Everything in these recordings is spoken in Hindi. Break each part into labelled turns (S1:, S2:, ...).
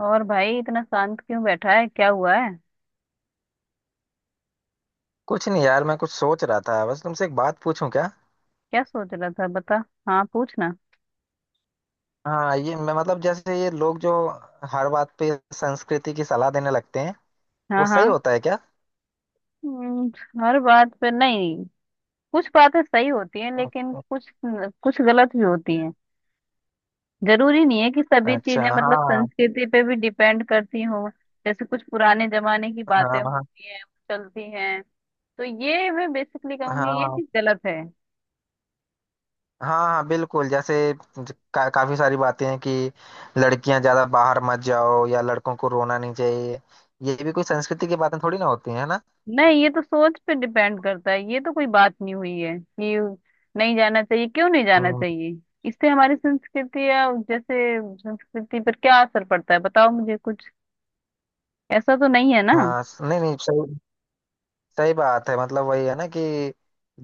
S1: और भाई इतना शांत क्यों बैठा है? क्या हुआ है?
S2: कुछ नहीं यार, मैं कुछ सोच रहा था। बस तुमसे एक बात पूछूं क्या?
S1: क्या सोच रहा था बता। हाँ, पूछना।
S2: हाँ, ये मैं मतलब जैसे ये लोग जो हर बात पे संस्कृति की सलाह देने लगते हैं, वो
S1: हाँ
S2: सही
S1: हाँ।
S2: होता है क्या?
S1: हम्म। हर बात पे नहीं। कुछ बातें सही होती हैं लेकिन कुछ कुछ गलत भी होती हैं। जरूरी नहीं है कि सभी
S2: अच्छा।
S1: चीजें मतलब
S2: हाँ,
S1: संस्कृति पे भी डिपेंड करती हो। जैसे कुछ पुराने जमाने की बातें
S2: हाँ, हाँ,
S1: होती हैं, चलती हैं। तो ये मैं बेसिकली
S2: हाँ,
S1: कहूंगी ये
S2: हाँ।
S1: चीज गलत है।
S2: हाँ, बिल्कुल। जैसे काफी सारी बातें हैं कि लड़कियां ज्यादा बाहर मत जाओ या लड़कों को रोना नहीं चाहिए। ये भी कोई संस्कृति की बातें थोड़ी ना होती है ना।
S1: नहीं, ये तो सोच पे डिपेंड करता है। ये तो कोई बात नहीं हुई है कि नहीं जाना चाहिए। क्यों नहीं जाना
S2: हम्म।
S1: चाहिए? इससे हमारी संस्कृति या जैसे संस्कृति पर क्या असर पड़ता है? बताओ मुझे कुछ ऐसा तो नहीं है ना।
S2: हाँ, नहीं नहीं, सही। सही बात है। मतलब वही है ना कि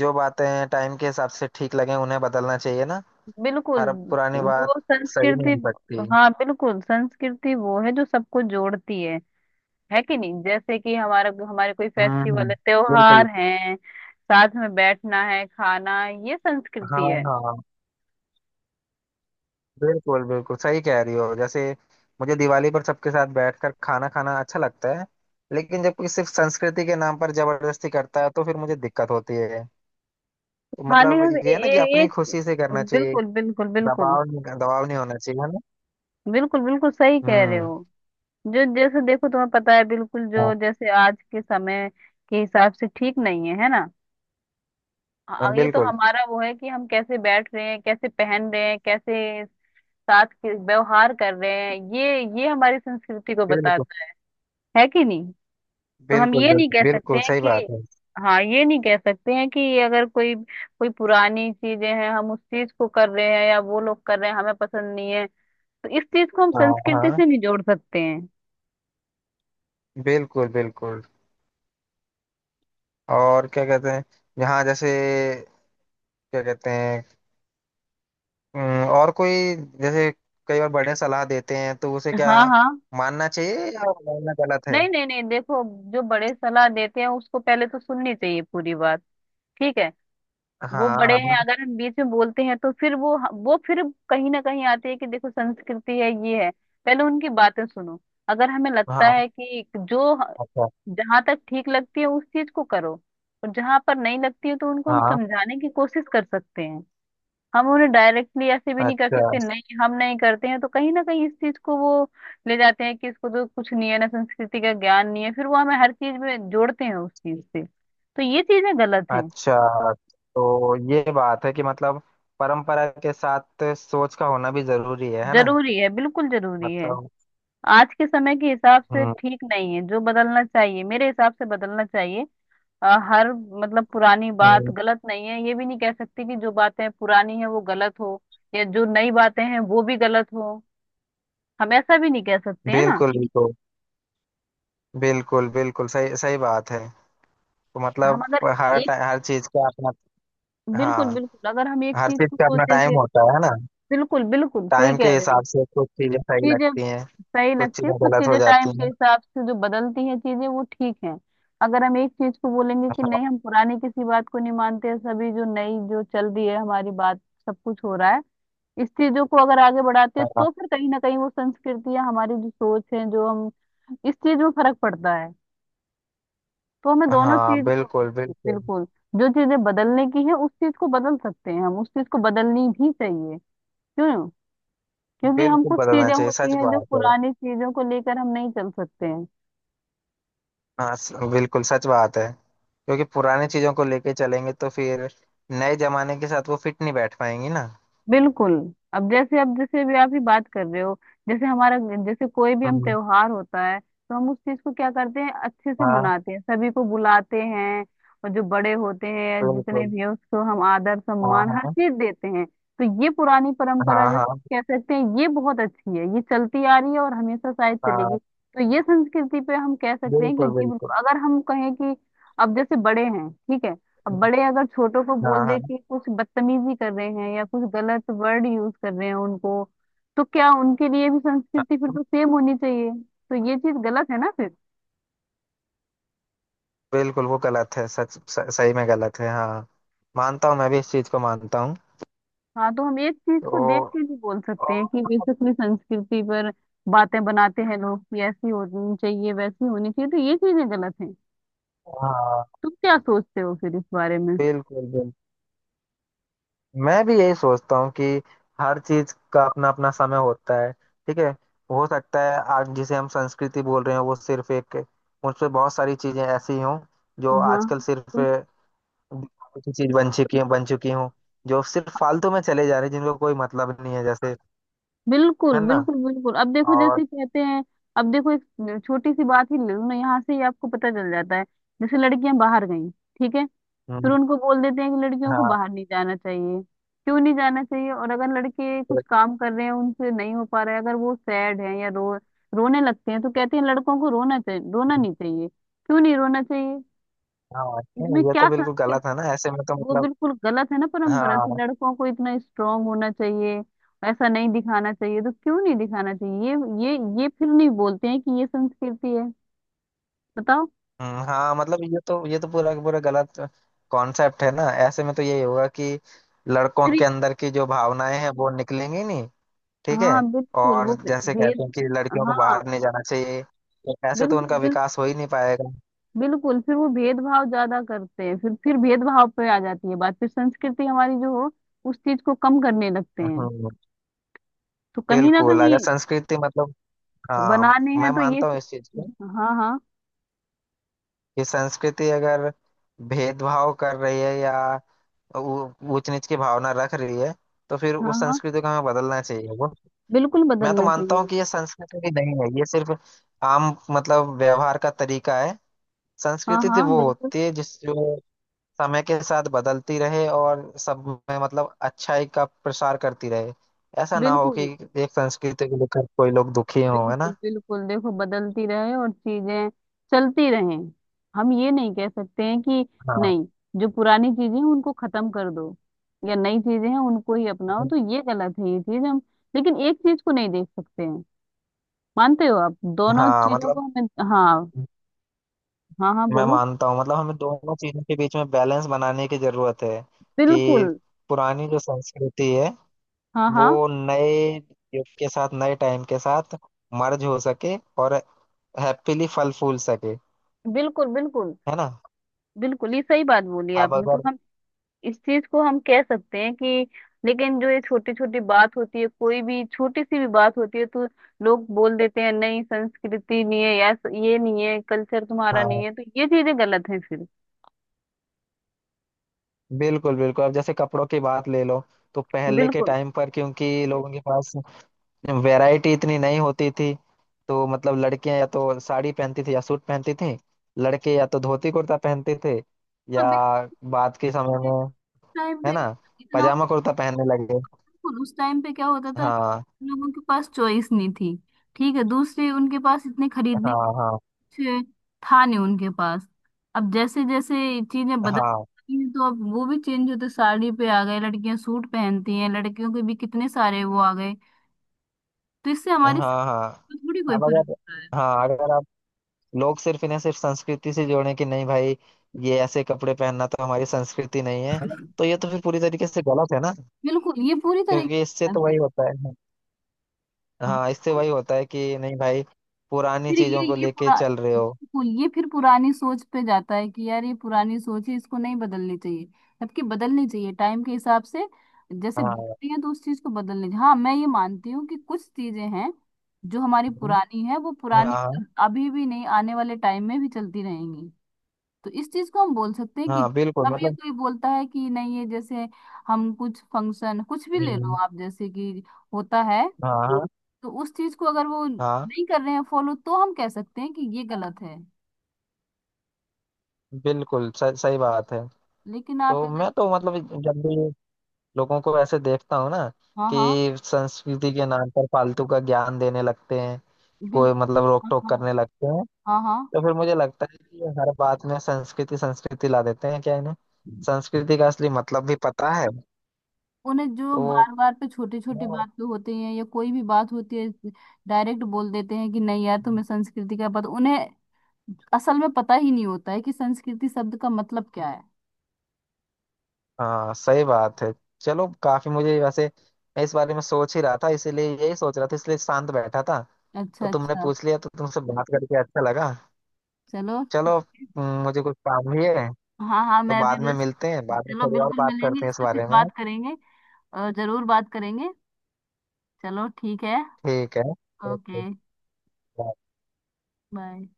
S2: जो बातें टाइम के हिसाब से ठीक लगे उन्हें बदलना चाहिए ना।
S1: बिल्कुल
S2: हर पुरानी बात
S1: वो
S2: सही नहीं
S1: संस्कृति।
S2: हो सकती।
S1: हाँ बिल्कुल, संस्कृति वो है जो सबको जोड़ती है कि नहीं? जैसे कि हमारा हमारे कोई
S2: हम्म,
S1: फेस्टिवल
S2: हम्म।
S1: है,
S2: बिल्कुल।
S1: त्योहार है, साथ में बैठना है, खाना, ये
S2: हाँ,
S1: संस्कृति है।
S2: हाँ। बिल्कुल बिल्कुल सही कह रही हो। जैसे मुझे दिवाली पर सबके साथ बैठकर खाना खाना अच्छा लगता है, लेकिन जब कोई सिर्फ संस्कृति के नाम पर जबरदस्ती करता है तो फिर मुझे दिक्कत होती है। तो
S1: हाँ
S2: मतलब
S1: लेकिन ए,
S2: ये है ना कि
S1: ए,
S2: अपनी
S1: एक
S2: खुशी से करना चाहिए।
S1: बिल्कुल बिल्कुल बिल्कुल।
S2: दबाव नहीं, दबाव नहीं होना चाहिए, है ना?
S1: बिल्कुल बिल्कुल सही कह रहे
S2: हम्म।
S1: हो। जो जैसे देखो तुम्हें पता है बिल्कुल, जो जैसे आज के समय के हिसाब से ठीक नहीं है, है ना?
S2: हाँ,
S1: हाँ, ये तो
S2: बिल्कुल
S1: हमारा वो है कि हम कैसे बैठ रहे हैं, कैसे पहन रहे हैं, कैसे साथ के व्यवहार कर रहे हैं, ये हमारी संस्कृति को
S2: बिल्कुल
S1: बताता है कि नहीं? तो हम
S2: बिल्कुल।
S1: ये नहीं
S2: बिल्कुल
S1: कह सकते
S2: बिल्कुल
S1: हैं
S2: सही बात
S1: कि
S2: है।
S1: हाँ, ये नहीं कह सकते हैं कि अगर कोई कोई पुरानी चीजें हैं, हम उस चीज को कर रहे हैं या वो लोग कर रहे हैं, हमें पसंद नहीं है, तो इस चीज को हम
S2: हाँ,
S1: संस्कृति
S2: हाँ।
S1: से नहीं जोड़ सकते हैं।
S2: बिल्कुल बिल्कुल। और क्या कहते हैं यहाँ, जैसे क्या कहते हैं? और कोई, जैसे कई बार बड़े सलाह देते हैं, तो उसे क्या
S1: हाँ हाँ।
S2: मानना चाहिए, या मानना गलत है?
S1: नहीं नहीं नहीं, देखो, जो बड़े सलाह देते हैं उसको पहले तो सुननी चाहिए पूरी बात, ठीक है? वो
S2: हाँ,
S1: बड़े हैं,
S2: हाँ,
S1: अगर हम बीच में बोलते हैं तो फिर वो फिर कहीं ना कहीं आते हैं कि देखो संस्कृति है, ये है। पहले उनकी बातें सुनो, अगर हमें लगता
S2: हाँ।
S1: है कि जो
S2: अच्छा।
S1: जहां तक ठीक लगती है उस चीज को करो, और जहां पर नहीं लगती है तो उनको हम
S2: हाँ।
S1: समझाने की कोशिश कर सकते हैं। हम उन्हें डायरेक्टली ऐसे भी नहीं कर
S2: अच्छा,
S1: सकते, नहीं हम नहीं करते हैं तो कहीं ना कहीं इस चीज को वो ले जाते हैं कि इसको तो कुछ नहीं है ना, संस्कृति का ज्ञान नहीं है, फिर वो हमें हर चीज में जोड़ते हैं उस चीज से, तो ये चीजें गलत हैं।
S2: अच्छा। तो ये बात है कि मतलब परंपरा के साथ सोच का होना भी जरूरी है ना?
S1: जरूरी है, बिल्कुल जरूरी है।
S2: मतलब।
S1: आज के समय के हिसाब से
S2: हम्म,
S1: ठीक नहीं है जो, बदलना चाहिए, मेरे हिसाब से बदलना चाहिए। अ, हर मतलब पुरानी बात
S2: हम्म।
S1: गलत नहीं है, ये भी नहीं कह सकती कि जो बातें पुरानी है वो गलत हो या जो नई बातें हैं वो भी गलत हो। हम ऐसा भी नहीं कह सकते, है ना?
S2: बिल्कुल बिल्कुल। बिल्कुल बिल्कुल सही। सही बात है। तो
S1: हम
S2: मतलब
S1: अगर
S2: हर
S1: एक,
S2: टाइम हर चीज का अपना। हाँ,
S1: बिल्कुल बिल्कुल, अगर हम एक
S2: हर
S1: चीज
S2: चीज
S1: को
S2: का अपना
S1: सोचेंगे।
S2: टाइम होता है ना।
S1: बिल्कुल बिल्कुल सही
S2: टाइम के
S1: कह रहे हो।
S2: हिसाब से कुछ चीजें सही
S1: चीजें
S2: लगती हैं,
S1: सही
S2: कुछ
S1: लगती है,
S2: चीजें
S1: कुछ
S2: गलत हो
S1: चीजें टाइम
S2: जाती
S1: के
S2: हैं।
S1: हिसाब से जो बदलती हैं चीजें वो ठीक हैं। अगर हम एक चीज को बोलेंगे कि नहीं हम पुरानी किसी बात को नहीं मानते, सभी जो नई जो चल रही है हमारी बात, सब कुछ हो रहा है, इस चीजों को अगर आगे बढ़ाते हैं,
S2: हाँ,
S1: तो फिर कहीं ना कहीं वो संस्कृति या हमारी जो सोच है जो हम, इस चीज में फर्क पड़ता है। तो हमें
S2: हाँ,
S1: दोनों
S2: हाँ,
S1: चीज को,
S2: बिल्कुल बिल्कुल।
S1: बिल्कुल, जो चीजें बदलने की है उस चीज को बदल सकते हैं हम, उस चीज को बदलनी भी चाहिए। क्यों? क्योंकि हम
S2: बिल्कुल
S1: कुछ
S2: बदलना
S1: चीजें
S2: चाहिए,
S1: होती
S2: सच
S1: हैं जो
S2: बात है।
S1: पुरानी चीजों को लेकर हम नहीं चल सकते हैं।
S2: हाँ, बिल्कुल सच बात है। क्योंकि पुरानी चीजों को लेके चलेंगे तो फिर नए जमाने के साथ वो फिट नहीं बैठ पाएंगी ना।
S1: बिल्कुल। अब जैसे, अब जैसे भी आप ही बात कर रहे हो, जैसे हमारा, जैसे कोई भी हम
S2: हम्म।
S1: त्योहार होता है तो हम उस चीज को क्या करते हैं, अच्छे से
S2: हाँ,
S1: मनाते हैं, सभी को बुलाते हैं। और जो बड़े होते हैं जितने
S2: बिल्कुल।
S1: भी हैं उसको हम आदर
S2: हाँ,
S1: सम्मान हर
S2: हाँ,
S1: चीज देते हैं। तो ये पुरानी परंपरा
S2: हाँ, हाँ,
S1: जैसे कह सकते हैं ये बहुत अच्छी है, ये चलती आ रही है और हमेशा शायद चलेगी।
S2: हाँ।
S1: तो ये संस्कृति पे हम कह सकते हैं कि
S2: बिल्कुल
S1: ये
S2: बिल्कुल।
S1: बिल्कुल-, अगर हम कहें कि अब जैसे बड़े हैं, ठीक है, अब बड़े अगर छोटों को
S2: हाँ,
S1: बोल दे
S2: हाँ।
S1: कि कुछ बदतमीजी कर रहे हैं या कुछ गलत वर्ड यूज कर रहे हैं उनको, तो क्या उनके लिए भी संस्कृति फिर
S2: हाँ,
S1: तो सेम होनी चाहिए? तो ये चीज गलत है ना फिर।
S2: बिल्कुल वो गलत है, सच सही में गलत है। हाँ, मानता हूँ, मैं भी इस चीज को मानता हूँ।
S1: हाँ, तो हम एक चीज
S2: तो
S1: को देख के भी बोल सकते
S2: और
S1: हैं कि वे
S2: मतलब,
S1: अपनी संस्कृति पर बातें बनाते हैं लोग कि ऐसी होनी चाहिए, वैसी होनी चाहिए, तो ये चीजें गलत हैं।
S2: हाँ,
S1: तुम क्या सोचते हो फिर इस बारे में?
S2: बिल्कुल बिल्कुल। मैं भी यही सोचता हूँ कि हर चीज का अपना अपना समय होता है, ठीक है? हो सकता है आज जिसे हम संस्कृति बोल रहे हैं वो सिर्फ एक, मुझसे बहुत सारी चीजें ऐसी हों जो
S1: हाँ
S2: आजकल सिर्फ
S1: हाँ।
S2: दिखावे की चीज बन चुकी हों। जो सिर्फ फालतू में चले जा रहे हैं, जिनको कोई मतलब नहीं है, जैसे,
S1: बिल्कुल
S2: है ना?
S1: बिल्कुल बिल्कुल अब देखो
S2: और
S1: जैसे कहते हैं, अब देखो एक छोटी सी बात ही ले लो ना, यहाँ से ही आपको पता चल जाता है। जैसे लड़कियां बाहर गई, ठीक है, फिर
S2: हम्म।
S1: उनको बोल देते हैं कि लड़कियों को
S2: हाँ,
S1: बाहर नहीं जाना चाहिए। क्यों नहीं जाना चाहिए? और अगर लड़के कुछ काम कर रहे हैं, उनसे नहीं हो पा रहा है, अगर वो सैड है या रो रोने लगते हैं तो कहते हैं लड़कों को रोना चाहिए, रोना नहीं चाहिए। क्यों नहीं रोना चाहिए?
S2: हाँ,
S1: इसमें
S2: ये
S1: क्या
S2: तो बिल्कुल गलत है
S1: संस्कृति?
S2: ना, ऐसे में तो
S1: वो
S2: मतलब
S1: बिल्कुल गलत है ना, परंपरा कि
S2: हाँ।
S1: लड़कों को इतना स्ट्रांग होना चाहिए, ऐसा नहीं दिखाना चाहिए, तो क्यों नहीं दिखाना चाहिए? ये ये फिर नहीं बोलते हैं कि ये संस्कृति है, बताओ
S2: हाँ, मतलब ये तो, ये तो पूरा का पूरा गलत कॉन्सेप्ट है ना। ऐसे में तो यही होगा कि लड़कों के
S1: फिर।
S2: अंदर की जो भावनाएं हैं वो निकलेंगी नहीं, ठीक है?
S1: हाँ बिल्कुल
S2: और
S1: वो
S2: जैसे कहते
S1: भेद,
S2: हैं कि लड़कियों को
S1: हाँ
S2: बाहर नहीं जाना चाहिए, तो ऐसे तो उनका
S1: बिल्कुल
S2: विकास हो ही नहीं पाएगा।
S1: बिल्कुल फिर वो भेदभाव ज्यादा करते हैं, फिर भेदभाव पे आ जाती है बात, फिर संस्कृति हमारी जो हो उस चीज को कम करने लगते हैं।
S2: हम्म।
S1: तो कहीं ना
S2: बिल्कुल
S1: कहीं
S2: अगर संस्कृति मतलब, हाँ,
S1: बनाने
S2: मैं
S1: हैं तो ये
S2: मानता हूँ इस चीज
S1: चीज-,
S2: को
S1: हाँ हाँ।
S2: कि संस्कृति अगर भेदभाव कर रही है या ऊंच नीच की भावना रख रही है तो फिर
S1: हाँ
S2: उस
S1: हाँ,
S2: संस्कृति को हमें बदलना चाहिए। वो
S1: बिल्कुल
S2: मैं तो
S1: बदलना
S2: मानता हूँ
S1: चाहिए।
S2: कि ये संस्कृति भी नहीं है, ये सिर्फ आम मतलब व्यवहार का तरीका है।
S1: हाँ
S2: संस्कृति तो
S1: हाँ
S2: वो
S1: बिल्कुल
S2: होती है जिस जो समय के साथ बदलती रहे और सब में मतलब अच्छाई का प्रसार करती रहे। ऐसा ना हो कि
S1: बिल्कुल।
S2: एक संस्कृति को लेकर कोई लोग दुखी हो, है
S1: बिल्कुल
S2: ना?
S1: बिल्कुल देखो, बदलती रहे और चीजें चलती रहें। हम ये नहीं कह सकते हैं कि
S2: हाँ,
S1: नहीं, जो पुरानी चीजें हैं उनको खत्म कर दो या नई चीजें हैं उनको ही अपनाओ, तो ये गलत है, ये चीज हम लेकिन एक चीज को नहीं देख सकते हैं। मानते हो आप दोनों
S2: हाँ।
S1: चीजों को
S2: मतलब
S1: हमें, हाँ। हाँ हाँ
S2: मैं
S1: बोलो।
S2: मानता हूँ, मतलब हमें दोनों चीजों के बीच में बैलेंस बनाने की जरूरत है। कि
S1: बिल्कुल।
S2: पुरानी जो संस्कृति है
S1: हाँ हाँ।
S2: वो नए युग के साथ, नए टाइम के साथ मर्ज हो सके और हैप्पीली फल फूल सके,
S1: बिल्कुल बिल्कुल।
S2: है ना?
S1: बिल्कुल ये सही बात बोली
S2: अब
S1: आपने तो,
S2: अगर,
S1: इस चीज को हम कह सकते हैं कि लेकिन जो ये छोटी छोटी बात होती है, कोई भी छोटी सी भी बात होती है तो लोग बोल देते हैं नहीं संस्कृति नहीं है, या ये नहीं है, कल्चर तुम्हारा नहीं
S2: हाँ,
S1: है, तो ये चीजें गलत हैं फिर।
S2: बिल्कुल बिल्कुल। अब जैसे कपड़ों की बात ले लो, तो पहले के
S1: बिल्कुल।
S2: टाइम पर क्योंकि लोगों के पास वैरायटी इतनी नहीं होती थी, तो मतलब लड़कियां या तो साड़ी पहनती थी या सूट पहनती थी। लड़के या तो धोती कुर्ता पहनते थे
S1: हाँ
S2: या
S1: बिल्कुल,
S2: बाद के समय
S1: इस
S2: में,
S1: टाइम
S2: है
S1: पे
S2: ना,
S1: इतना,
S2: पजामा कुर्ता पहनने लगे।
S1: बिल्कुल उस टाइम पे क्या होता था,
S2: हाँ,
S1: लोगों के पास चॉइस नहीं थी, ठीक है, दूसरे उनके पास इतने खरीदने
S2: हाँ, हाँ,
S1: पीछे था नहीं उनके पास। अब जैसे जैसे चीजें बदल
S2: हाँ,
S1: रही हैं, तो अब वो भी चेंज होते साड़ी पे आ गए, लड़कियां सूट पहनती हैं, लड़कियों के भी कितने सारे वो आ गए। तो इससे
S2: हाँ,
S1: हमारी सेहत
S2: हाँ, हाँ।
S1: पर थोड़ी कोई
S2: अब
S1: फर्क
S2: अगर,
S1: पड़ रहा
S2: हाँ, अगर आप लोग सिर्फ इन्हें, सिर्फ संस्कृति से जोड़ें कि नहीं भाई, ये ऐसे कपड़े पहनना तो हमारी संस्कृति नहीं है,
S1: है।
S2: तो ये तो फिर पूरी तरीके से गलत है ना।
S1: बिल्कुल ये पूरी तरह की
S2: क्योंकि इससे तो वही
S1: बात
S2: होता है। हाँ, इससे
S1: है।
S2: वही होता है कि नहीं भाई, पुरानी
S1: फिर
S2: चीजों को
S1: ये
S2: लेके
S1: पुरा
S2: चल रहे हो।
S1: बिल्कुल, ये फिर पुरानी सोच पे जाता है कि यार ये पुरानी सोच है, इसको नहीं बदलनी चाहिए, जबकि बदलनी चाहिए टाइम के हिसाब से। जैसे
S2: हाँ।
S1: बदलती है तो उस चीज को बदलनी चाहिए। हाँ मैं ये मानती हूँ कि कुछ चीजें हैं जो हमारी
S2: हम्म,
S1: पुरानी है वो पुरानी
S2: हाँ,
S1: अभी भी नहीं, आने वाले टाइम में भी चलती रहेंगी। तो इस चीज को हम बोल सकते हैं कि
S2: हाँ। बिल्कुल
S1: कभी
S2: मतलब।
S1: कोई बोलता है कि नहीं ये जैसे हम कुछ फंक्शन कुछ भी ले लो
S2: हम्म,
S1: आप जैसे कि होता है,
S2: हाँ, हाँ,
S1: तो उस चीज को अगर वो
S2: हाँ,
S1: नहीं कर रहे हैं फॉलो तो हम कह सकते हैं कि ये गलत है।
S2: बिल्कुल सही। सही बात है।
S1: लेकिन आप
S2: तो
S1: अगर,
S2: मैं तो मतलब जब भी लोगों को ऐसे देखता हूँ ना
S1: हाँ हाँ
S2: कि संस्कृति के नाम पर फालतू का ज्ञान देने लगते हैं,
S1: बिल,
S2: कोई मतलब रोक
S1: हाँ
S2: टोक
S1: हाँ।
S2: करने लगते हैं,
S1: हाँ हाँ।
S2: तो फिर मुझे लगता है कि ये हर बात में संस्कृति संस्कृति ला देते हैं, क्या इन्हें संस्कृति का असली मतलब भी पता है?
S1: उन्हें जो
S2: तो
S1: बार बार पे छोटी छोटी
S2: वो-
S1: बात पे होते हैं या कोई भी बात होती है, डायरेक्ट बोल देते हैं कि नहीं यार तुम्हें संस्कृति का पता, उन्हें असल में पता ही नहीं होता है कि संस्कृति शब्द का मतलब क्या है।
S2: हाँ, सही बात है। चलो, काफी मुझे वैसे, मैं इस बारे में सोच ही रहा था, इसीलिए यही सोच रहा था, इसलिए शांत बैठा था। तो
S1: अच्छा
S2: तुमने
S1: अच्छा।
S2: पूछ लिया, तो तुमसे बात करके अच्छा लगा।
S1: चलो ठीक।
S2: चलो। मुझे कुछ काम भी है,
S1: हाँ हाँ
S2: तो
S1: मैं भी
S2: बाद में
S1: बस,
S2: मिलते हैं, बाद में
S1: चलो
S2: थोड़ी और
S1: बिल्कुल
S2: बात
S1: मिलेंगे
S2: करते हैं
S1: इस
S2: इस
S1: पे फिर
S2: बारे में।
S1: बात करेंगे। जरूर बात करेंगे। चलो ठीक है।
S2: ठीक है।
S1: ओके।
S2: ओके।
S1: बाय।